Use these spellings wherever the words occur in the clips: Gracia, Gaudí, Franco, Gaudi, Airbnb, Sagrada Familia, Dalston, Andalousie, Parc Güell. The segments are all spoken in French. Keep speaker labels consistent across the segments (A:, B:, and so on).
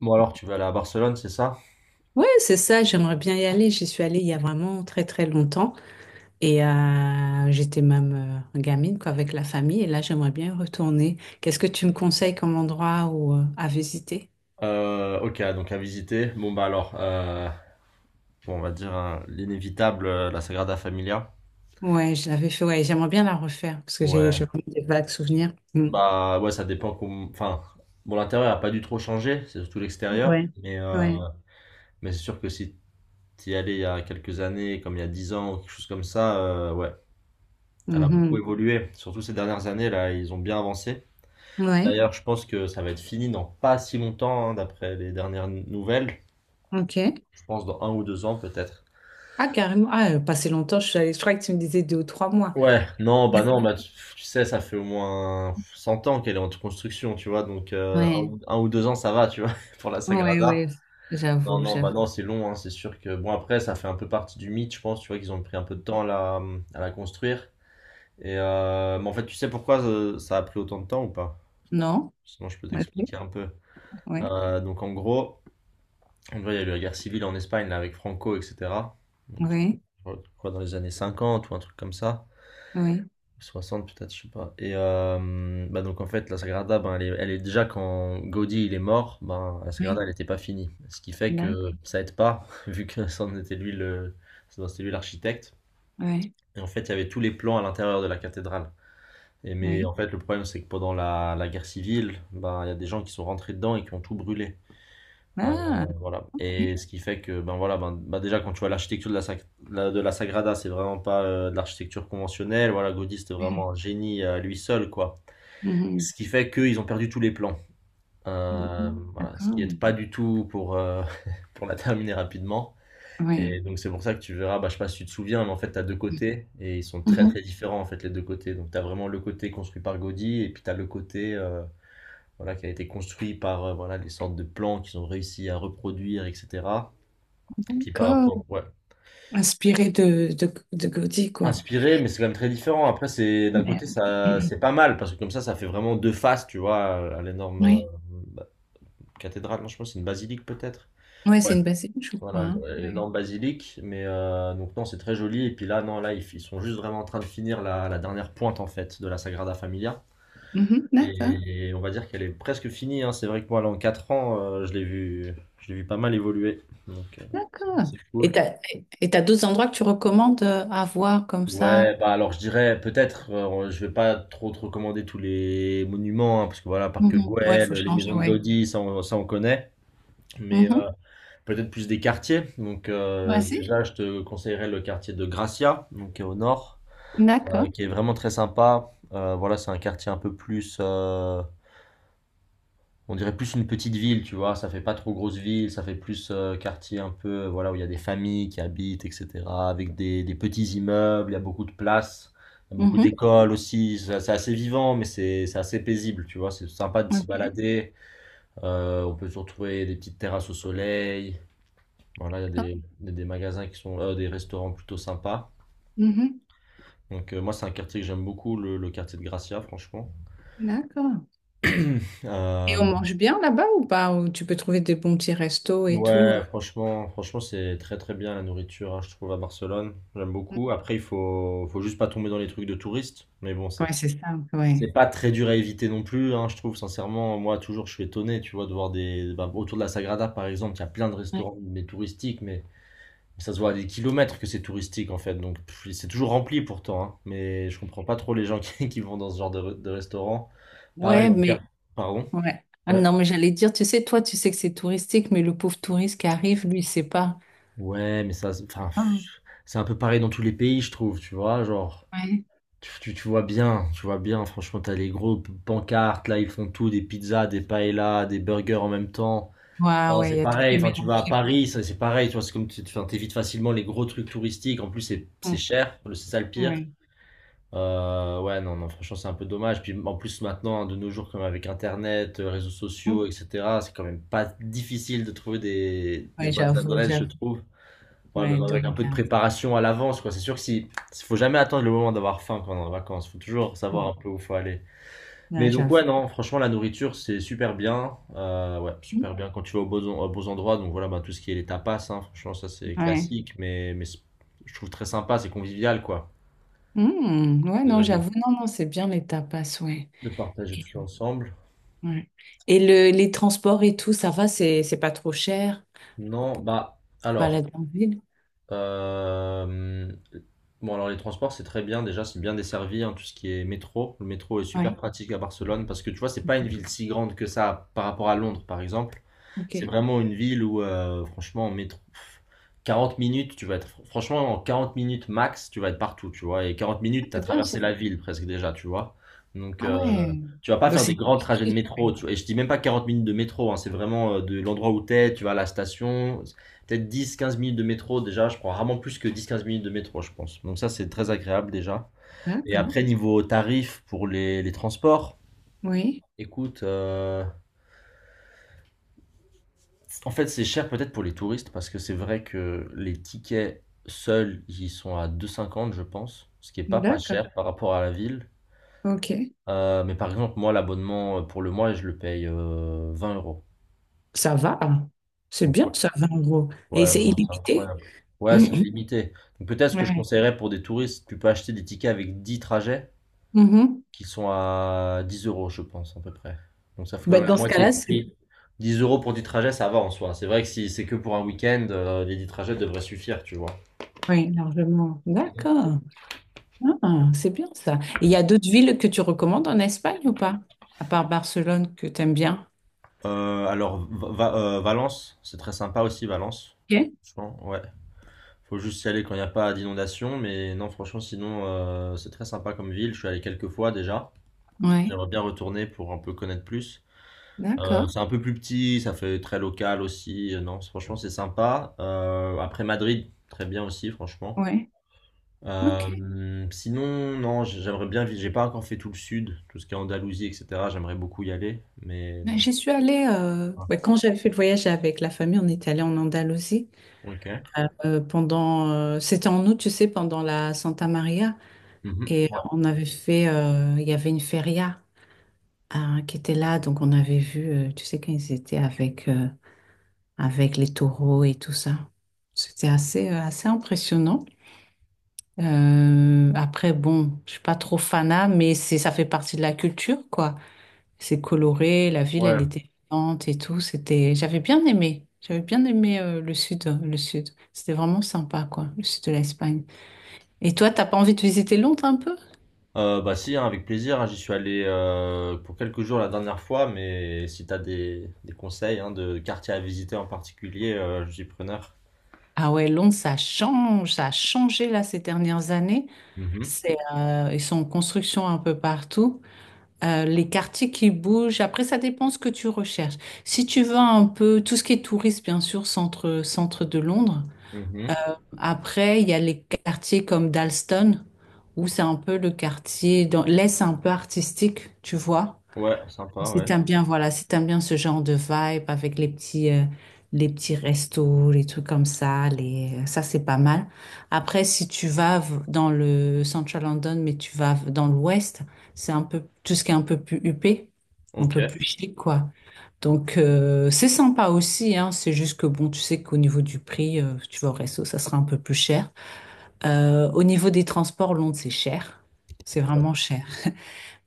A: Bon alors tu vas aller à Barcelone, c'est ça?
B: Ouais, c'est ça, j'aimerais bien y aller. J'y suis allée il y a vraiment très très longtemps et j'étais même gamine quoi, avec la famille et là j'aimerais bien y retourner. Qu'est-ce que tu me conseilles comme endroit ou à visiter?
A: Ok, donc à visiter. Bon bah alors, bon, on va dire, hein, l'inévitable, la Sagrada Familia.
B: Ouais, je l'avais fait, ouais, j'aimerais bien la refaire parce que j'ai
A: Ouais.
B: j'ai vraiment des vagues souvenirs. Mm.
A: Bah ouais, Enfin, bon l'intérieur a pas dû trop changer, c'est surtout l'extérieur.
B: Ouais, ouais,
A: Mais c'est sûr que si t'y allais il y a quelques années, comme il y a 10 ans ou quelque chose comme ça, ouais, elle a beaucoup
B: mhm.
A: évolué. Surtout ces dernières années là, ils ont bien avancé.
B: Ouais,
A: D'ailleurs, je pense que ça va être fini dans pas si longtemps, hein, d'après les dernières nouvelles.
B: ok.
A: Je pense dans un ou deux ans peut-être.
B: Ah, carrément, ah, pas si longtemps, je suis allée, je crois que tu me disais deux ou trois mois.
A: Ouais, non, bah non, tu sais, ça fait au moins 100 ans qu'elle est en construction, tu vois, donc
B: Ouais,
A: un ou deux ans, ça va, tu vois, pour la
B: ouais,
A: Sagrada.
B: ouais,
A: Non,
B: j'avoue,
A: non, bah
B: j'avoue.
A: non, c'est long, hein, c'est sûr que, bon, après, ça fait un peu partie du mythe, je pense, tu vois, qu'ils ont pris un peu de temps à la construire. Et, mais en fait, tu sais pourquoi ça a pris autant de temps ou pas?
B: Non?
A: Sinon, je peux
B: Ouais,
A: t'expliquer un peu.
B: ouais,
A: Donc, en gros, il y a eu la guerre civile en Espagne, là, avec Franco, etc. Donc,
B: ouais,
A: je crois dans les années 50 ou un truc comme ça.
B: ouais,
A: 60 peut-être, je sais pas. Et bah donc en fait, la Sagrada, ben, elle est déjà quand Gaudi il est mort, ben, la Sagrada elle n'était pas finie. Ce qui fait
B: ouais.
A: que ça aide pas, vu que c'était lui l'architecte.
B: Oui,
A: Et en fait, il y avait tous les plans à l'intérieur de la cathédrale. Et mais
B: oui.
A: en fait, le problème c'est que pendant la guerre civile, ben, il y a des gens qui sont rentrés dedans et qui ont tout brûlé. Euh,
B: Ah,
A: voilà.
B: ok.
A: Et ce qui fait que, ben voilà, ben déjà quand tu vois l'architecture de la Sagrada, c'est vraiment pas de l'architecture conventionnelle. Voilà, Gaudí, c'était
B: Ouais.
A: vraiment un génie à lui seul, quoi.
B: Mhm,
A: Ce qui fait qu'ils ont perdu tous les plans.
B: mhm,
A: Voilà, ce qui
B: d'accord.
A: aide pas du tout pour, pour la terminer rapidement.
B: Oui.
A: Et donc c'est pour ça que tu verras, bah, je sais pas si tu te souviens, mais en fait tu as deux côtés et ils sont très
B: Mhm.
A: très différents en fait les deux côtés. Donc tu as vraiment le côté construit par Gaudi et puis tu as le côté voilà, qui a été construit par voilà, les sortes de plans qu'ils ont réussi à reproduire, etc. Qui par
B: D'accord.
A: rapport, ouais.
B: Inspiré de Gaudi, quoi.
A: Inspiré, mais c'est quand même très différent. Après, c'est d'un
B: Ouais.
A: côté, ça,
B: Mhm.
A: c'est pas mal parce que comme ça fait vraiment deux faces, tu vois, à l'énorme
B: Oui.
A: bah, cathédrale. Non, je pense que c'est une basilique peut-être.
B: Oui,
A: Ouais.
B: c'est une bassine, je crois,
A: Voilà,
B: hein. Ouais.
A: l'énorme basilique. Mais donc non, c'est très joli. Et puis là, non, là, ils sont juste vraiment en train de finir la dernière pointe en fait de la Sagrada Familia.
B: Mhm, d'accord.
A: Et on va dire qu'elle est presque finie, hein. C'est vrai que moi, là, en 4 ans, je l'ai vu pas mal évoluer. Donc,
B: D'accord.
A: c'est
B: Et
A: cool.
B: t'as d'autres endroits que tu recommandes à voir comme ça?
A: Ouais, bah alors je dirais peut-être, je vais pas trop te recommander tous les monuments, hein, parce que voilà, Parc
B: Mhm. Ouais, il
A: Güell,
B: faut
A: les
B: changer,
A: maisons de
B: ouais.
A: Gaudi, ça on connaît, mais
B: Mhm.
A: peut-être plus des quartiers. Donc
B: Ouais, si.
A: déjà, je te conseillerais le quartier de Gracia, donc qui est au nord,
B: D'accord.
A: qui est vraiment très sympa. Voilà, c'est un quartier un peu plus on dirait plus une petite ville, tu vois. Ça fait pas trop grosse ville, ça fait plus quartier un peu, voilà, où il y a des familles qui habitent, etc. Avec des petits immeubles, il y a beaucoup de places, il y a beaucoup
B: Mhm.
A: d'écoles aussi. C'est assez vivant, mais c'est assez paisible, tu vois. C'est sympa de s'y
B: Ok.
A: balader. On peut se retrouver des petites terrasses au soleil. Voilà,
B: D'accord.
A: il des magasins qui sont, des restaurants plutôt sympas.
B: Mhm.
A: Donc moi, c'est un quartier que j'aime beaucoup, le quartier de Gracia, franchement.
B: D'accord. Et
A: Euh,
B: on mange bien là-bas ou pas? Ou tu peux trouver des bons petits restos et tout,
A: Ouais, franchement, c'est très très bien la nourriture, hein, je trouve, à Barcelone. J'aime beaucoup. Après, faut juste pas tomber dans les trucs de touristes. Mais bon,
B: Ouais, c'est ça,
A: c'est
B: ouais.
A: pas très dur à éviter non plus, hein, je trouve, sincèrement. Moi, toujours, je suis étonné, tu vois, de voir des. Bah, autour de la Sagrada, par exemple, il y a plein de
B: Ouais,
A: restaurants, mais touristiques, mais ça se voit à des kilomètres que c'est touristique, en fait. Donc, pff, c'est toujours rempli pourtant, hein, mais je comprends pas trop les gens qui vont dans ce genre de restaurant. Pareil,
B: ouais,
A: dans le Car-
B: mais
A: Pardon?
B: ouais. Ah
A: Ouais.
B: non, mais j'allais dire, tu sais, toi, tu sais que c'est touristique, mais le pauvre touriste qui arrive, lui, il sait pas.
A: Ouais, mais ça, enfin, pff,
B: Hum,
A: c'est un peu pareil dans tous les pays, je trouve, tu vois, genre,
B: ouais,
A: tu vois bien, franchement, t'as les pancartes, là, ils font tout, des pizzas, des paellas, des burgers en même temps.
B: ouais,
A: Enfin,
B: ouais,
A: c'est
B: il y a tout qui
A: pareil,
B: est
A: enfin, tu vas à
B: mélangé, quoi.
A: Paris, ça, c'est pareil, tu vois, c'est comme, tu enfin, t'évites facilement les gros trucs touristiques, en plus, c'est
B: Hum,
A: cher, c'est ça le pire.
B: ouais,
A: Ouais, non, non, franchement, c'est un peu dommage. Puis en plus, maintenant, hein, de nos jours, comme avec Internet, réseaux sociaux,
B: hum,
A: etc., c'est quand même pas difficile de trouver des
B: ouais,
A: bonnes
B: j'avoue,
A: adresses, je
B: j'avoue.
A: trouve. Ouais,
B: Ouais,
A: même
B: de
A: avec un peu de
B: regard.
A: préparation à l'avance, quoi. C'est sûr que si faut jamais attendre le moment d'avoir faim quand on est en vacances. Faut toujours savoir
B: Hum,
A: un peu où faut aller.
B: ouais,
A: Mais donc ouais,
B: j'avoue.
A: non, franchement, la nourriture, c'est super bien. Ouais,
B: Hum,
A: super bien quand tu vas aux beaux endroits. Donc voilà, bah, tout ce qui est les tapas, hein, franchement, ça c'est
B: Ouais.
A: classique, mais je trouve très sympa, c'est convivial, quoi,
B: Ouais,
A: de,
B: non, j'avoue.
A: de-
B: Non, non, c'est bien les tapas, ouais.
A: de partager tout ensemble.
B: Ouais. Et le, les transports et tout, ça va, c'est pas trop cher.
A: Non, bah, alors.
B: Balade en ville.
A: Euh, Bon, alors les transports, c'est très bien. Déjà, c'est bien desservi, hein, tout ce qui est métro. Le métro est super
B: Ouais.
A: pratique à Barcelone parce que tu vois, c'est pas une ville si grande que ça par rapport à Londres, par exemple. C'est
B: Ok.
A: vraiment une ville où, franchement, en métro, pff, 40 minutes, tu vas être, franchement, en 40 minutes max, tu vas être partout, tu vois. Et 40
B: Ah,
A: minutes, tu as
B: c'est bien ça.
A: traversé la ville presque déjà, tu vois. Donc,
B: Ah ouais.
A: tu vas pas
B: Donc
A: faire
B: c'est
A: des
B: une
A: grands trajets de
B: habitude.
A: métro, tu vois. Et je dis même pas 40 minutes de métro, hein, c'est vraiment de l'endroit où t'es, tu vas à la station peut-être dix, 15 minutes de métro déjà. Je prends rarement plus que dix, 15 minutes de métro, je pense. Donc ça, c'est très agréable déjà. Et
B: D'accord.
A: après, niveau tarif pour les transports,
B: Oui.
A: écoute, en fait, c'est cher peut-être pour les touristes parce que c'est vrai que les tickets seuls, ils sont à 2,50, je pense, ce qui est pas
B: D'accord.
A: cher par rapport à la ville.
B: Ok.
A: Mais par exemple, moi, l'abonnement pour le mois, je le paye 20 euros.
B: Ça va. C'est
A: Donc ouais,
B: bien, ça va en gros. Et
A: ouais,
B: c'est
A: bon, c'est
B: illimité.
A: incroyable. Ouais, c'est limité. Donc peut-être ce que je
B: Ouais.
A: conseillerais pour des touristes, tu peux acheter des tickets avec 10 trajets,
B: Mhm.
A: qui sont à 10 euros, je pense, à peu près. Donc ça fait quand
B: Bah,
A: même la Ouais.
B: dans ce
A: moitié du
B: cas-là, c'est
A: prix. 10 euros pour du trajet ça va en soi. C'est vrai que si c'est que pour un week-end, les 10 trajets devraient suffire, tu vois.
B: oui, largement. D'accord. Ah, c'est bien ça. Et il y a d'autres villes que tu recommandes en Espagne ou pas? À part Barcelone que tu aimes bien.
A: Valence, c'est très sympa aussi, Valence.
B: Ok.
A: Franchement, ouais. Faut juste y aller quand il n'y a pas d'inondation, mais non, franchement, sinon, c'est très sympa comme ville. Je suis allé quelques fois déjà.
B: Ouais.
A: J'aimerais bien retourner pour un peu connaître plus.
B: D'accord.
A: C'est un peu plus petit, ça fait très local aussi. Non, franchement, c'est sympa. Après Madrid, très bien aussi, franchement.
B: Ouais. Ok.
A: Sinon, non, j'aimerais bien vivre. J'ai pas encore fait tout le sud, tout ce qui est Andalousie, etc. J'aimerais beaucoup y aller, mais
B: Ouais,
A: non.
B: j'y suis allée
A: Ah,
B: ouais, quand j'avais fait le voyage avec la famille, on est allé en Andalousie
A: ok.
B: pendant c'était en août, tu sais, pendant la Santa Maria
A: Mhm.
B: et
A: Ouais.
B: on avait fait il y avait une feria hein, qui était là donc on avait vu tu sais quand ils étaient avec avec les taureaux et tout ça. C'était assez assez impressionnant. Après bon, je suis pas trop fanat mais c'est ça fait partie de la culture quoi. C'est coloré, la ville, elle
A: Ouais.
B: était vivante et tout. C'était, j'avais bien aimé. J'avais bien aimé le sud, le sud. C'était vraiment sympa, quoi, le sud de l'Espagne. Et toi, t'as pas envie de visiter Londres un peu?
A: Bah si, hein, avec plaisir, hein, j'y suis allé pour quelques jours la dernière fois, mais si t'as des conseils, hein, de quartiers à visiter en particulier, je suis preneur.
B: Ah ouais, Londres, ça change, ça a changé là ces dernières années.
A: Mhm.
B: C'est, ils sont en construction un peu partout. Les quartiers qui bougent. Après, ça dépend ce que tu recherches. Si tu veux un peu tout ce qui est tourisme, bien sûr, centre, centre de Londres.
A: Mhm.
B: Après, il y a les quartiers comme Dalston, où c'est un peu le quartier, dans l'Est un peu artistique, tu vois.
A: Ouais, sympa,
B: Si
A: ouais.
B: t'aimes bien, voilà, si t'aimes bien ce genre de vibe avec les petits restos, les trucs comme ça, les, ça c'est pas mal. Après, si tu dans le Central London, mais tu dans l'ouest, c'est un peu, tout ce qui est un peu plus huppé, un
A: Ok.
B: peu plus chic, quoi. Donc, c'est sympa aussi, hein. C'est juste que bon, tu sais qu'au niveau du prix, tu vas au resto, ça sera un peu plus cher. Au niveau des transports, Londres, c'est cher. C'est vraiment cher.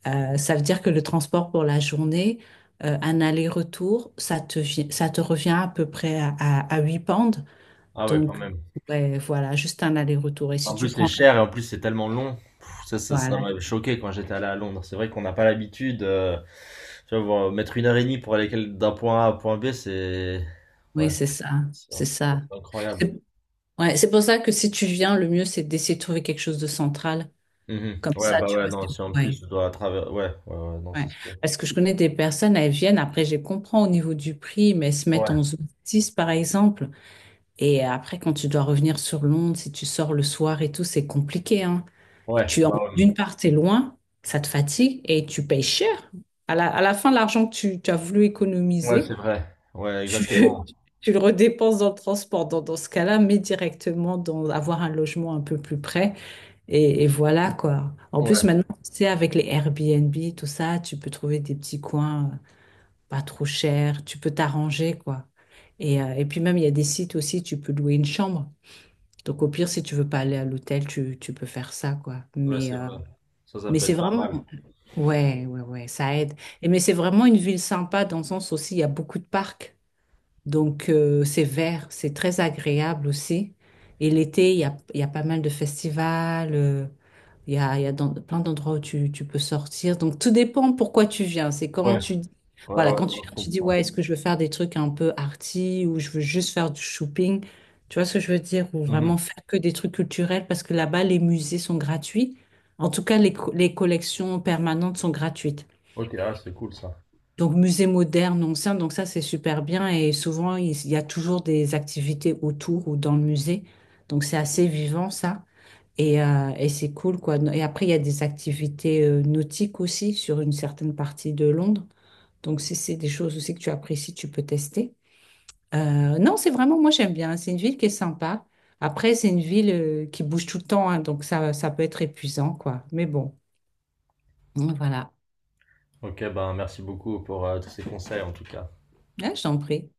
B: Ça veut dire que le transport pour la journée, un aller-retour, ça te, ça te revient à peu près à 8 pounds.
A: Ah ouais, quand
B: Donc,
A: même.
B: ouais, voilà, juste un aller-retour. Et si
A: En
B: tu
A: plus, c'est
B: prends la...
A: cher et en plus, c'est tellement long. Pff, ça
B: Voilà,
A: m'avait choqué quand j'étais allé à Londres. C'est vrai qu'on n'a pas l'habitude. Tu vois, mettre une heure et demie pour aller d'un point A à un point B, c'est.
B: oui,
A: Ouais,
B: c'est ça, c'est ça.
A: c'est incroyable.
B: C'est... Ouais, c'est pour ça que si tu viens, le mieux, c'est d'essayer de trouver quelque chose de central.
A: Mhm.
B: Comme
A: Ouais,
B: ça,
A: bah
B: tu
A: ouais,
B: vois,
A: non,
B: c'est...
A: si en plus,
B: Ouais,
A: je dois travers. Ouais, non,
B: ouais.
A: c'est sûr.
B: Parce que je connais des personnes, elles viennent, après, je les comprends au niveau du prix, mais elles se mettent
A: Ouais,
B: en zone 6, par exemple. Et après, quand tu dois revenir sur Londres, si tu sors le soir et tout, c'est compliqué, hein.
A: ouais, bah ouais.
B: D'une part, t'es loin, ça te fatigue et tu payes cher. À la fin, l'argent que tu as voulu
A: Ouais, c'est
B: économiser,
A: vrai. Ouais,
B: tu,
A: exactement.
B: tu le redépenses dans le transport. Dans ce cas-là, mais directement dans avoir un logement un peu plus près. Et voilà quoi. En
A: Ouais,
B: plus, maintenant, tu sais, avec les Airbnb, tout ça, tu peux trouver des petits coins pas trop chers. Tu peux t'arranger quoi. Et puis même, il y a des sites aussi, tu peux louer une chambre. Donc au pire, si tu veux pas aller à l'hôtel, tu peux faire ça quoi.
A: ouais, c'est vrai. Ça
B: Mais
A: peut
B: c'est
A: être pas
B: vraiment...
A: mal.
B: Ouais, ouais, ouais, ça aide. Et mais c'est vraiment une ville sympa dans le sens aussi, il y a beaucoup de parcs. Donc, c'est vert, c'est très agréable aussi. Et l'été, il y a pas mal de festivals, il y a plein d'endroits où tu peux sortir. Donc, tout dépend pourquoi tu viens. C'est quand
A: Ouais,
B: voilà,
A: ouais,
B: quand tu
A: non, je
B: viens, tu dis,
A: comprends.
B: ouais, est-ce que je veux faire des trucs un peu arty ou je veux juste faire du shopping? Tu vois ce que je veux dire? Ou
A: Mhm.
B: vraiment faire que des trucs culturels parce que là-bas, les musées sont gratuits. En tout cas, les, les collections permanentes sont gratuites.
A: Ok, ah, c'est cool ça.
B: Donc, musée moderne, ancien, donc ça, c'est super bien. Et souvent, il y a toujours des activités autour ou dans le musée. Donc, c'est assez vivant, ça. Et c'est cool, quoi. No, et après, il y a des activités nautiques aussi sur une certaine partie de Londres. Donc, si c'est des choses aussi que tu apprécies, tu peux tester. Non, c'est vraiment, moi, j'aime bien. C'est une ville qui est sympa. Après, c'est une ville qui bouge tout le temps, hein. Donc ça peut être épuisant, quoi. Mais bon, voilà.
A: Ok, ben merci beaucoup pour tous ces conseils en tout cas.
B: Ah, je t'en prie.